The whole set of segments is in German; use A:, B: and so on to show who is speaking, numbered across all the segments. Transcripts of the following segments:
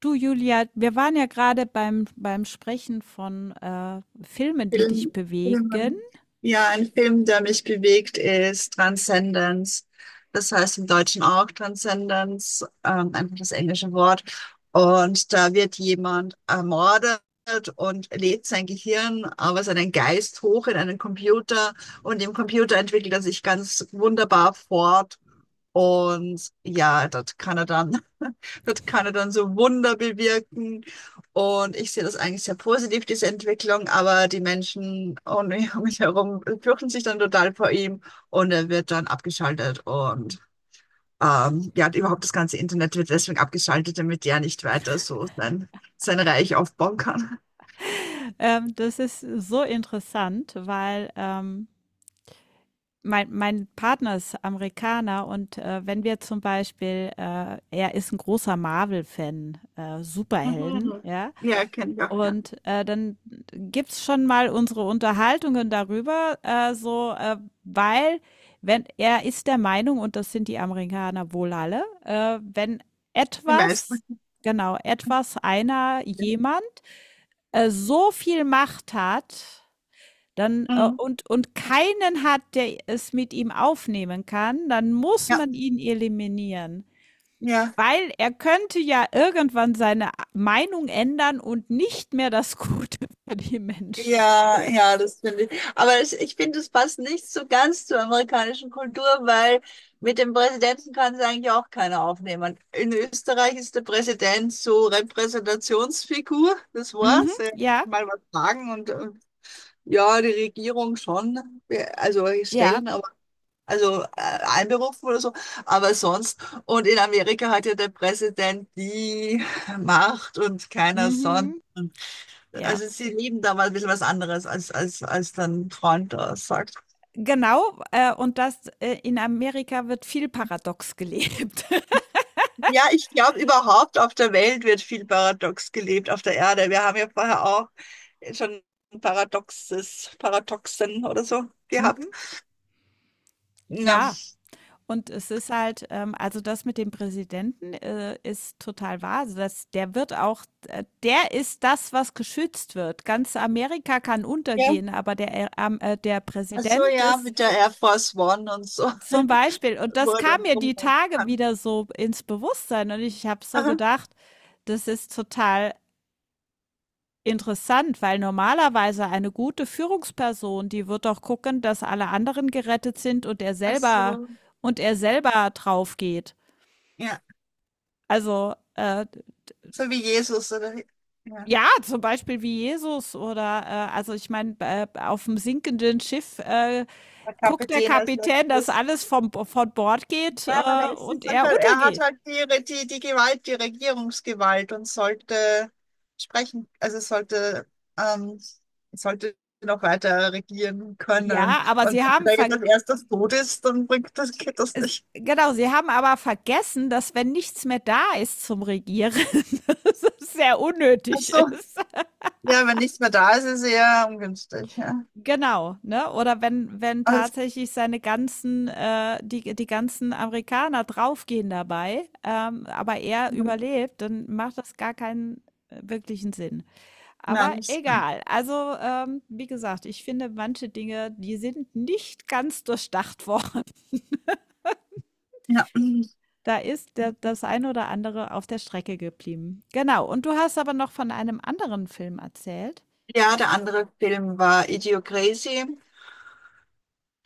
A: Du, Julia, wir waren ja gerade beim Sprechen von Filmen, die dich
B: Film,
A: bewegen.
B: Filmen. Ja, ein Film, der mich bewegt, ist Transcendence. Das heißt im Deutschen auch Transcendence, einfach das englische Wort. Und da wird jemand ermordet und lädt sein Gehirn, aber seinen Geist hoch in einen Computer. Und im Computer entwickelt er sich ganz wunderbar fort und ja, das kann er dann, das kann er dann so Wunder bewirken. Und ich sehe das eigentlich sehr positiv, diese Entwicklung, aber die Menschen um mich um mich herum fürchten sich dann total vor ihm und er wird dann abgeschaltet. Und ja, überhaupt das ganze Internet wird deswegen abgeschaltet, damit er nicht weiter so sein, sein Reich aufbauen kann.
A: Das ist so interessant, weil mein Partner ist Amerikaner und wenn wir zum Beispiel, er ist ein großer Marvel-Fan, Superhelden, ja.
B: Ja, kenne ich auch, ja.
A: Und dann gibt's schon mal unsere Unterhaltungen darüber, so, weil wenn er ist der Meinung, und das sind die Amerikaner wohl alle, wenn etwas, genau, jemand so viel Macht hat, dann
B: Mhm.
A: und keinen hat, der es mit ihm aufnehmen kann, dann muss
B: Ja,
A: man ihn eliminieren.
B: ja.
A: Weil er könnte ja irgendwann seine Meinung ändern und nicht mehr das Gute für die Menschen.
B: Ja, ja, das finde ich. Aber ich finde, es passt nicht so ganz zur amerikanischen Kultur, weil mit dem Präsidenten kann es eigentlich auch keiner aufnehmen. In Österreich ist der Präsident so Repräsentationsfigur, das
A: Mhm,
B: war's. Er kann
A: ja,
B: mal was sagen und ja, die Regierung schon, also
A: ja,
B: stellen, aber also einberufen oder so, aber sonst. Und in Amerika hat ja der Präsident die Macht und keiner sonst,
A: mhm, ja.
B: also sie lieben da mal ein bisschen was anderes, als dein Freund da sagt.
A: Genau, und das in Amerika wird viel paradox gelebt.
B: Ja, ich glaube, überhaupt auf der Welt wird viel paradox gelebt, auf der Erde. Wir haben ja vorher auch schon Paradoxes, Paradoxen oder so gehabt.
A: Mhm,
B: Ja.
A: ja. Und es ist halt, also das mit dem Präsidenten ist total wahr. Also das, der wird auch, der ist das, was geschützt wird. Ganz Amerika kann
B: Ja,
A: untergehen, aber der, der
B: ach so,
A: Präsident
B: ja,
A: ist
B: mit der Air Force One und so,
A: zum Beispiel. Und
B: wo
A: das
B: er
A: kam
B: dann
A: mir die
B: rumreiten
A: Tage
B: kann.
A: wieder so ins Bewusstsein. Und ich habe so
B: Aha.
A: gedacht, das ist total interessant, weil normalerweise eine gute Führungsperson, die wird doch gucken, dass alle anderen gerettet sind
B: Ach so,
A: und er selber drauf geht.
B: ja,
A: Also
B: so wie Jesus, oder? Ja,
A: ja, zum Beispiel wie Jesus oder also ich meine, auf dem sinkenden Schiff
B: der
A: guckt der
B: Kapitän als
A: Kapitän, dass
B: letztes.
A: alles von Bord geht
B: Ja, na, da ist die
A: und er
B: Sache, er hat
A: untergeht.
B: halt die, Re- die Gewalt, die Regierungsgewalt und sollte sprechen, also sollte, ähm, sollte noch weiter regieren können.
A: Ja, aber
B: Und
A: sie
B: wenn
A: haben
B: er jetzt
A: ver
B: als erstes tot ist, dann bringt das, geht das
A: Es,
B: nicht.
A: genau, sie haben aber vergessen, dass wenn nichts mehr da ist zum Regieren, dass es sehr
B: Ach
A: unnötig
B: so,
A: ist.
B: ja, wenn nichts mehr da ist, ist eher ungünstig, ja.
A: Genau, ne? Oder wenn
B: Also,
A: tatsächlich seine ganzen, die ganzen Amerikaner draufgehen dabei, aber er
B: ja,
A: überlebt, dann macht das gar keinen wirklichen Sinn.
B: na,
A: Aber
B: nicht so.
A: egal. Also, wie gesagt, ich finde manche Dinge, die sind nicht ganz durchdacht worden.
B: Ja.
A: Da ist der das ein oder andere auf der Strecke geblieben. Genau, und du hast aber noch von einem anderen Film erzählt?
B: Ja, der andere Film war Idiocracy.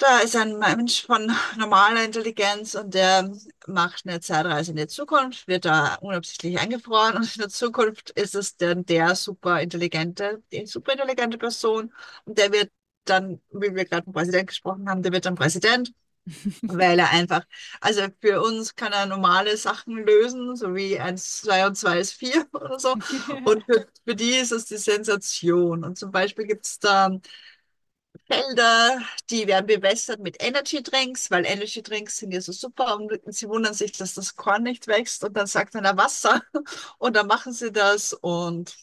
B: Da ist ein Mensch von normaler Intelligenz und der macht eine Zeitreise in die Zukunft, wird da unabsichtlich eingefroren und in der Zukunft ist es dann der superintelligente, die superintelligente Person und der wird dann, wie wir gerade vom Präsident gesprochen haben, der wird dann Präsident, weil er einfach, also für uns kann er normale Sachen lösen, so wie eins, zwei und zwei ist vier oder so und für die ist es die Sensation und zum Beispiel gibt es da Felder, die werden bewässert mit Energy Drinks, weil Energy Drinks sind ja so super und sie wundern sich, dass das Korn nicht wächst und dann sagt einer Wasser und dann machen sie das und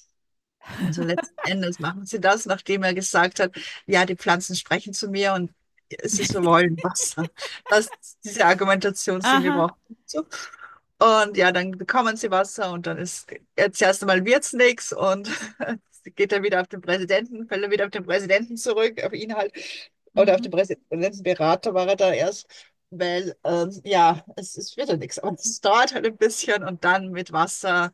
B: also letzten Endes machen sie das, nachdem er gesagt hat, ja, die Pflanzen sprechen zu mir und sie so wollen Wasser. Was diese Argumentationslinie
A: Aha.
B: braucht. So. Und ja, dann bekommen sie Wasser und dann ist jetzt erst einmal wird's nichts und geht er wieder auf den Präsidenten, fällt er wieder auf den Präsidenten zurück, auf ihn halt. Oder auf
A: Mhm,
B: den Präsidentenberater war er da erst, weil ja, es wird ja nichts. Aber es dauert halt ein bisschen und dann mit Wasser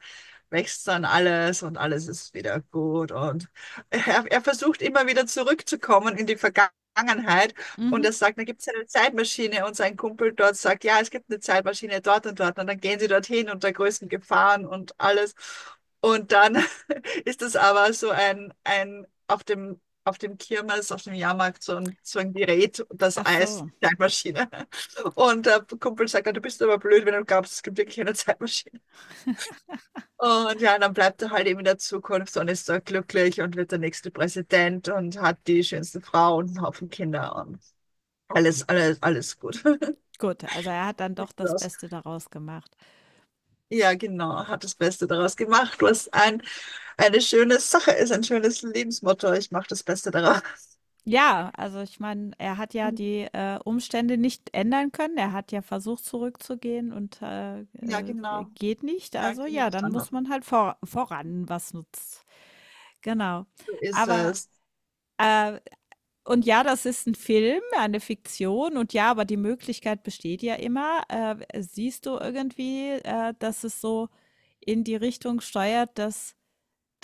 B: wächst dann alles und alles ist wieder gut. Und er versucht immer wieder zurückzukommen in die Vergangenheit. Und
A: mhm.
B: er sagt, da gibt es eine Zeitmaschine und sein Kumpel dort sagt, ja, es gibt eine Zeitmaschine dort und dort. Und dann gehen sie dorthin unter größten Gefahren und alles. Und dann ist es aber so ein auf dem Kirmes, auf dem Jahrmarkt so ein Gerät, das
A: Ach
B: heißt
A: so.
B: Zeitmaschine. Und der Kumpel sagt, dann, du bist aber blöd, wenn du glaubst, es gibt wirklich eine Zeitmaschine. Und ja, dann bleibt er halt eben in der Zukunft und ist da glücklich und wird der nächste Präsident und hat die schönste Frau und einen Haufen Kinder und alles, alles, alles gut.
A: Gut, also er hat dann doch das Beste daraus gemacht.
B: Ja, genau, hat das Beste daraus gemacht, was ein, eine schöne Sache ist, ein schönes Lebensmotto. Ich mache das Beste daraus.
A: Ja, also ich meine, er hat ja die, Umstände nicht ändern können. Er hat ja versucht, zurückzugehen
B: Ja, genau.
A: geht nicht.
B: Ja,
A: Also
B: ging
A: ja,
B: nicht
A: dann muss
B: anders.
A: man halt voran, was nutzt. Genau.
B: So ist
A: Aber,
B: es.
A: äh und ja, das ist ein Film, eine Fiktion und ja, aber die Möglichkeit besteht ja immer. Siehst du irgendwie, dass es so in die Richtung steuert, dass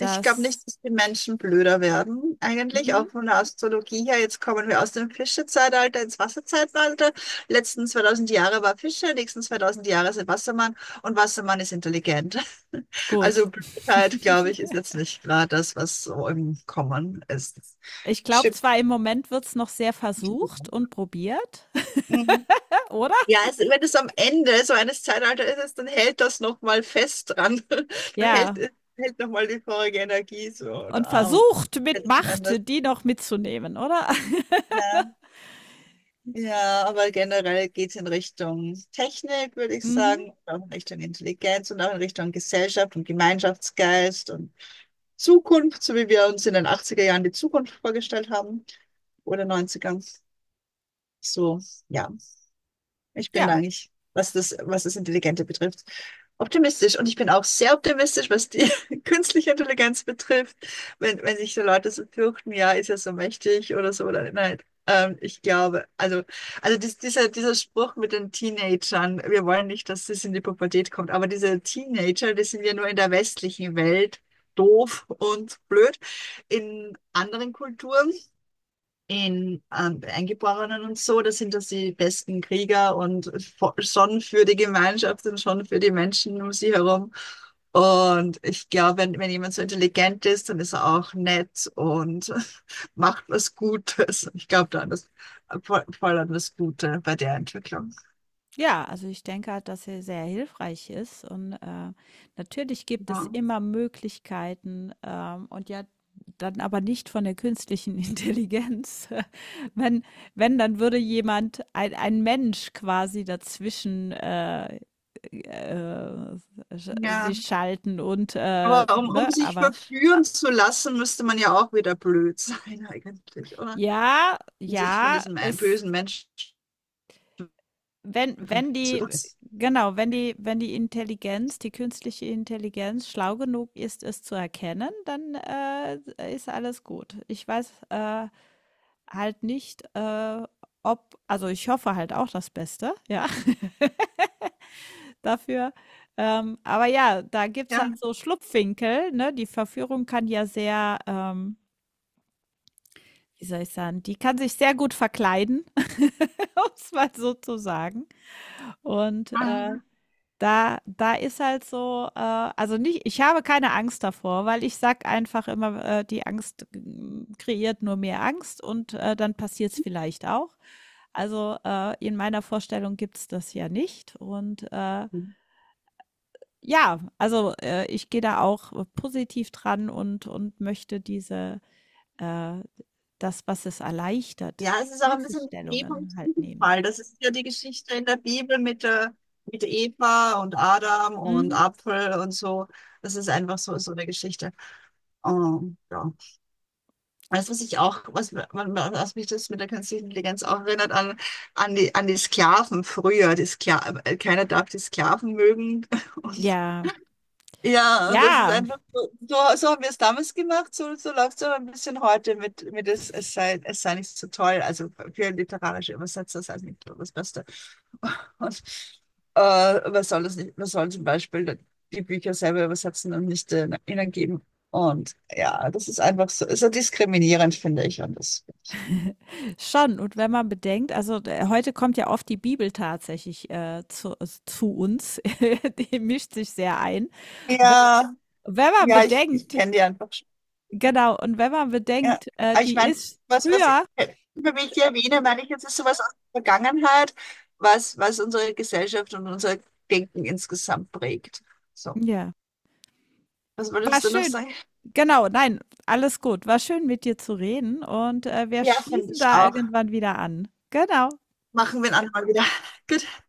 B: Ich glaube nicht, dass die Menschen blöder werden, eigentlich,
A: mhm,
B: auch von der Astrologie her. Jetzt kommen wir aus dem Fischezeitalter ins Wasserzeitalter. Letzten 2000 Jahre war Fische, nächsten 2000 Jahre sind Wassermann und Wassermann ist intelligent.
A: gut.
B: Also Blödheit, glaube ich, ist jetzt nicht gerade das, was so im Kommen ist.
A: Ich glaube
B: Stimmt.
A: zwar, im Moment wird's noch sehr
B: Nicht so.
A: versucht und probiert,
B: Mhm.
A: oder?
B: Ja, es, wenn es am Ende so eines Zeitalters ist, dann hält das nochmal fest dran. Dann hält,
A: Ja,
B: hält nochmal die vorige Energie so
A: und
B: da.
A: versucht mit
B: Letzten Endes.
A: Macht die noch mitzunehmen, oder?
B: Ja, ja, aber generell geht es in Richtung Technik, würde ich
A: Mhm,
B: sagen, und auch in Richtung Intelligenz und auch in Richtung Gesellschaft und Gemeinschaftsgeist und Zukunft, so wie wir uns in den achtziger Jahren die Zukunft vorgestellt haben oder 90. So, ja. Ich bin
A: ja.
B: eigentlich, was das Intelligente betrifft, optimistisch. Und ich bin auch sehr optimistisch, was die künstliche Intelligenz betrifft. Wenn, wenn sich so Leute so fürchten, ja, ist ja so mächtig oder so, oder nein. Ich glaube, also dies, dieser Spruch mit den Teenagern, wir wollen nicht, dass das in die Pubertät kommt, aber diese Teenager, die sind ja nur in der westlichen Welt doof und blöd. In anderen Kulturen in Eingeborenen und so, da sind das die besten Krieger und vo- schon für die Gemeinschaft und schon für die Menschen um sie herum. Und ich glaube, wenn, wenn jemand so intelligent ist, dann ist er auch nett und macht was Gutes. Ich glaube da an das, voll, voll an das Gute bei der Entwicklung.
A: Ja, also ich denke halt, dass er sehr hilfreich ist und, natürlich gibt es
B: Ja.
A: immer Möglichkeiten, und ja, dann aber nicht von der künstlichen Intelligenz. Wenn wenn, dann würde jemand ein Mensch quasi dazwischen, äh, sch
B: Ja,
A: sich schalten und,
B: aber um,
A: ne,
B: um sich
A: aber
B: verführen zu lassen, müsste man ja auch wieder blöd sein eigentlich, oder?
A: ja,
B: Um sich von
A: ja,
B: diesem ein-
A: es
B: bösen Menschen
A: Wenn
B: verführen
A: wenn
B: zu
A: die
B: lassen.
A: genau, wenn die Intelligenz, die künstliche Intelligenz schlau genug ist, es zu erkennen, dann, ist alles gut. Ich weiß, halt nicht, ob also, ich hoffe halt auch das Beste, ja, dafür. Aber ja, da gibt's halt
B: Ja.
A: so Schlupfwinkel, ne? Die Verführung kann ja sehr, wie soll ich sagen, die kann sich sehr gut verkleiden, um es mal so zu sagen. Und,
B: Ah.
A: Da da ist halt so, also nicht, ich habe keine Angst davor, weil ich sag einfach immer, die Angst, hm, kreiert nur mehr Angst und, dann passiert es vielleicht auch. Also, in meiner Vorstellung gibt's das ja nicht und, ja, also, ich gehe da auch positiv dran und möchte diese, äh das, was es erleichtert,
B: Ja, es ist auch ein bisschen Vergebung und
A: Hilfestellungen halt nehmen.
B: Sündenfall. Das ist ja die Geschichte in der Bibel mit, der, mit Eva und Adam und
A: Mhm.
B: Apfel und so. Das ist einfach so, so eine Geschichte. Ja. Weißt du, was ich auch, was, man- man- was mich das mit der künstlichen Intelligenz auch erinnert, an, an die Sklaven früher. Die Skla keiner darf die Sklaven mögen. Und
A: Ja.
B: ja, und das ist
A: Ja.
B: einfach, so, so so haben wir es damals gemacht, so, so läuft es aber ein bisschen heute mit es, es sei nicht so toll. Also für literarische Übersetzer sei es nicht so das Beste. Und man soll das nicht, man soll zum Beispiel die Bücher selber übersetzen und nicht ihnen geben. Und ja, das ist einfach so, ist so diskriminierend, finde ich. Und das,
A: Schon, und wenn man bedenkt, also d heute kommt ja oft die Bibel tatsächlich, zu s zu uns, die mischt sich sehr ein. Wenn
B: ja,
A: wenn man
B: ja, ich
A: bedenkt
B: kenne die einfach.
A: genau, und wenn man
B: Ja,
A: bedenkt,
B: aber ich
A: die
B: meine,
A: ist
B: was, was, ich
A: früher
B: immer wenn ich die erwähne, meine ich, jetzt ist sowas aus der Vergangenheit, was, was unsere Gesellschaft und unser Denken insgesamt prägt. So,
A: ja,
B: was
A: war
B: würdest du noch
A: schön.
B: sagen?
A: Genau, nein, alles gut. War schön, mit dir zu reden und, wir
B: Ja, finde
A: schließen
B: ich
A: da
B: auch.
A: irgendwann wieder an. Genau.
B: Machen wir ein andermal wieder. Gut, tschüss.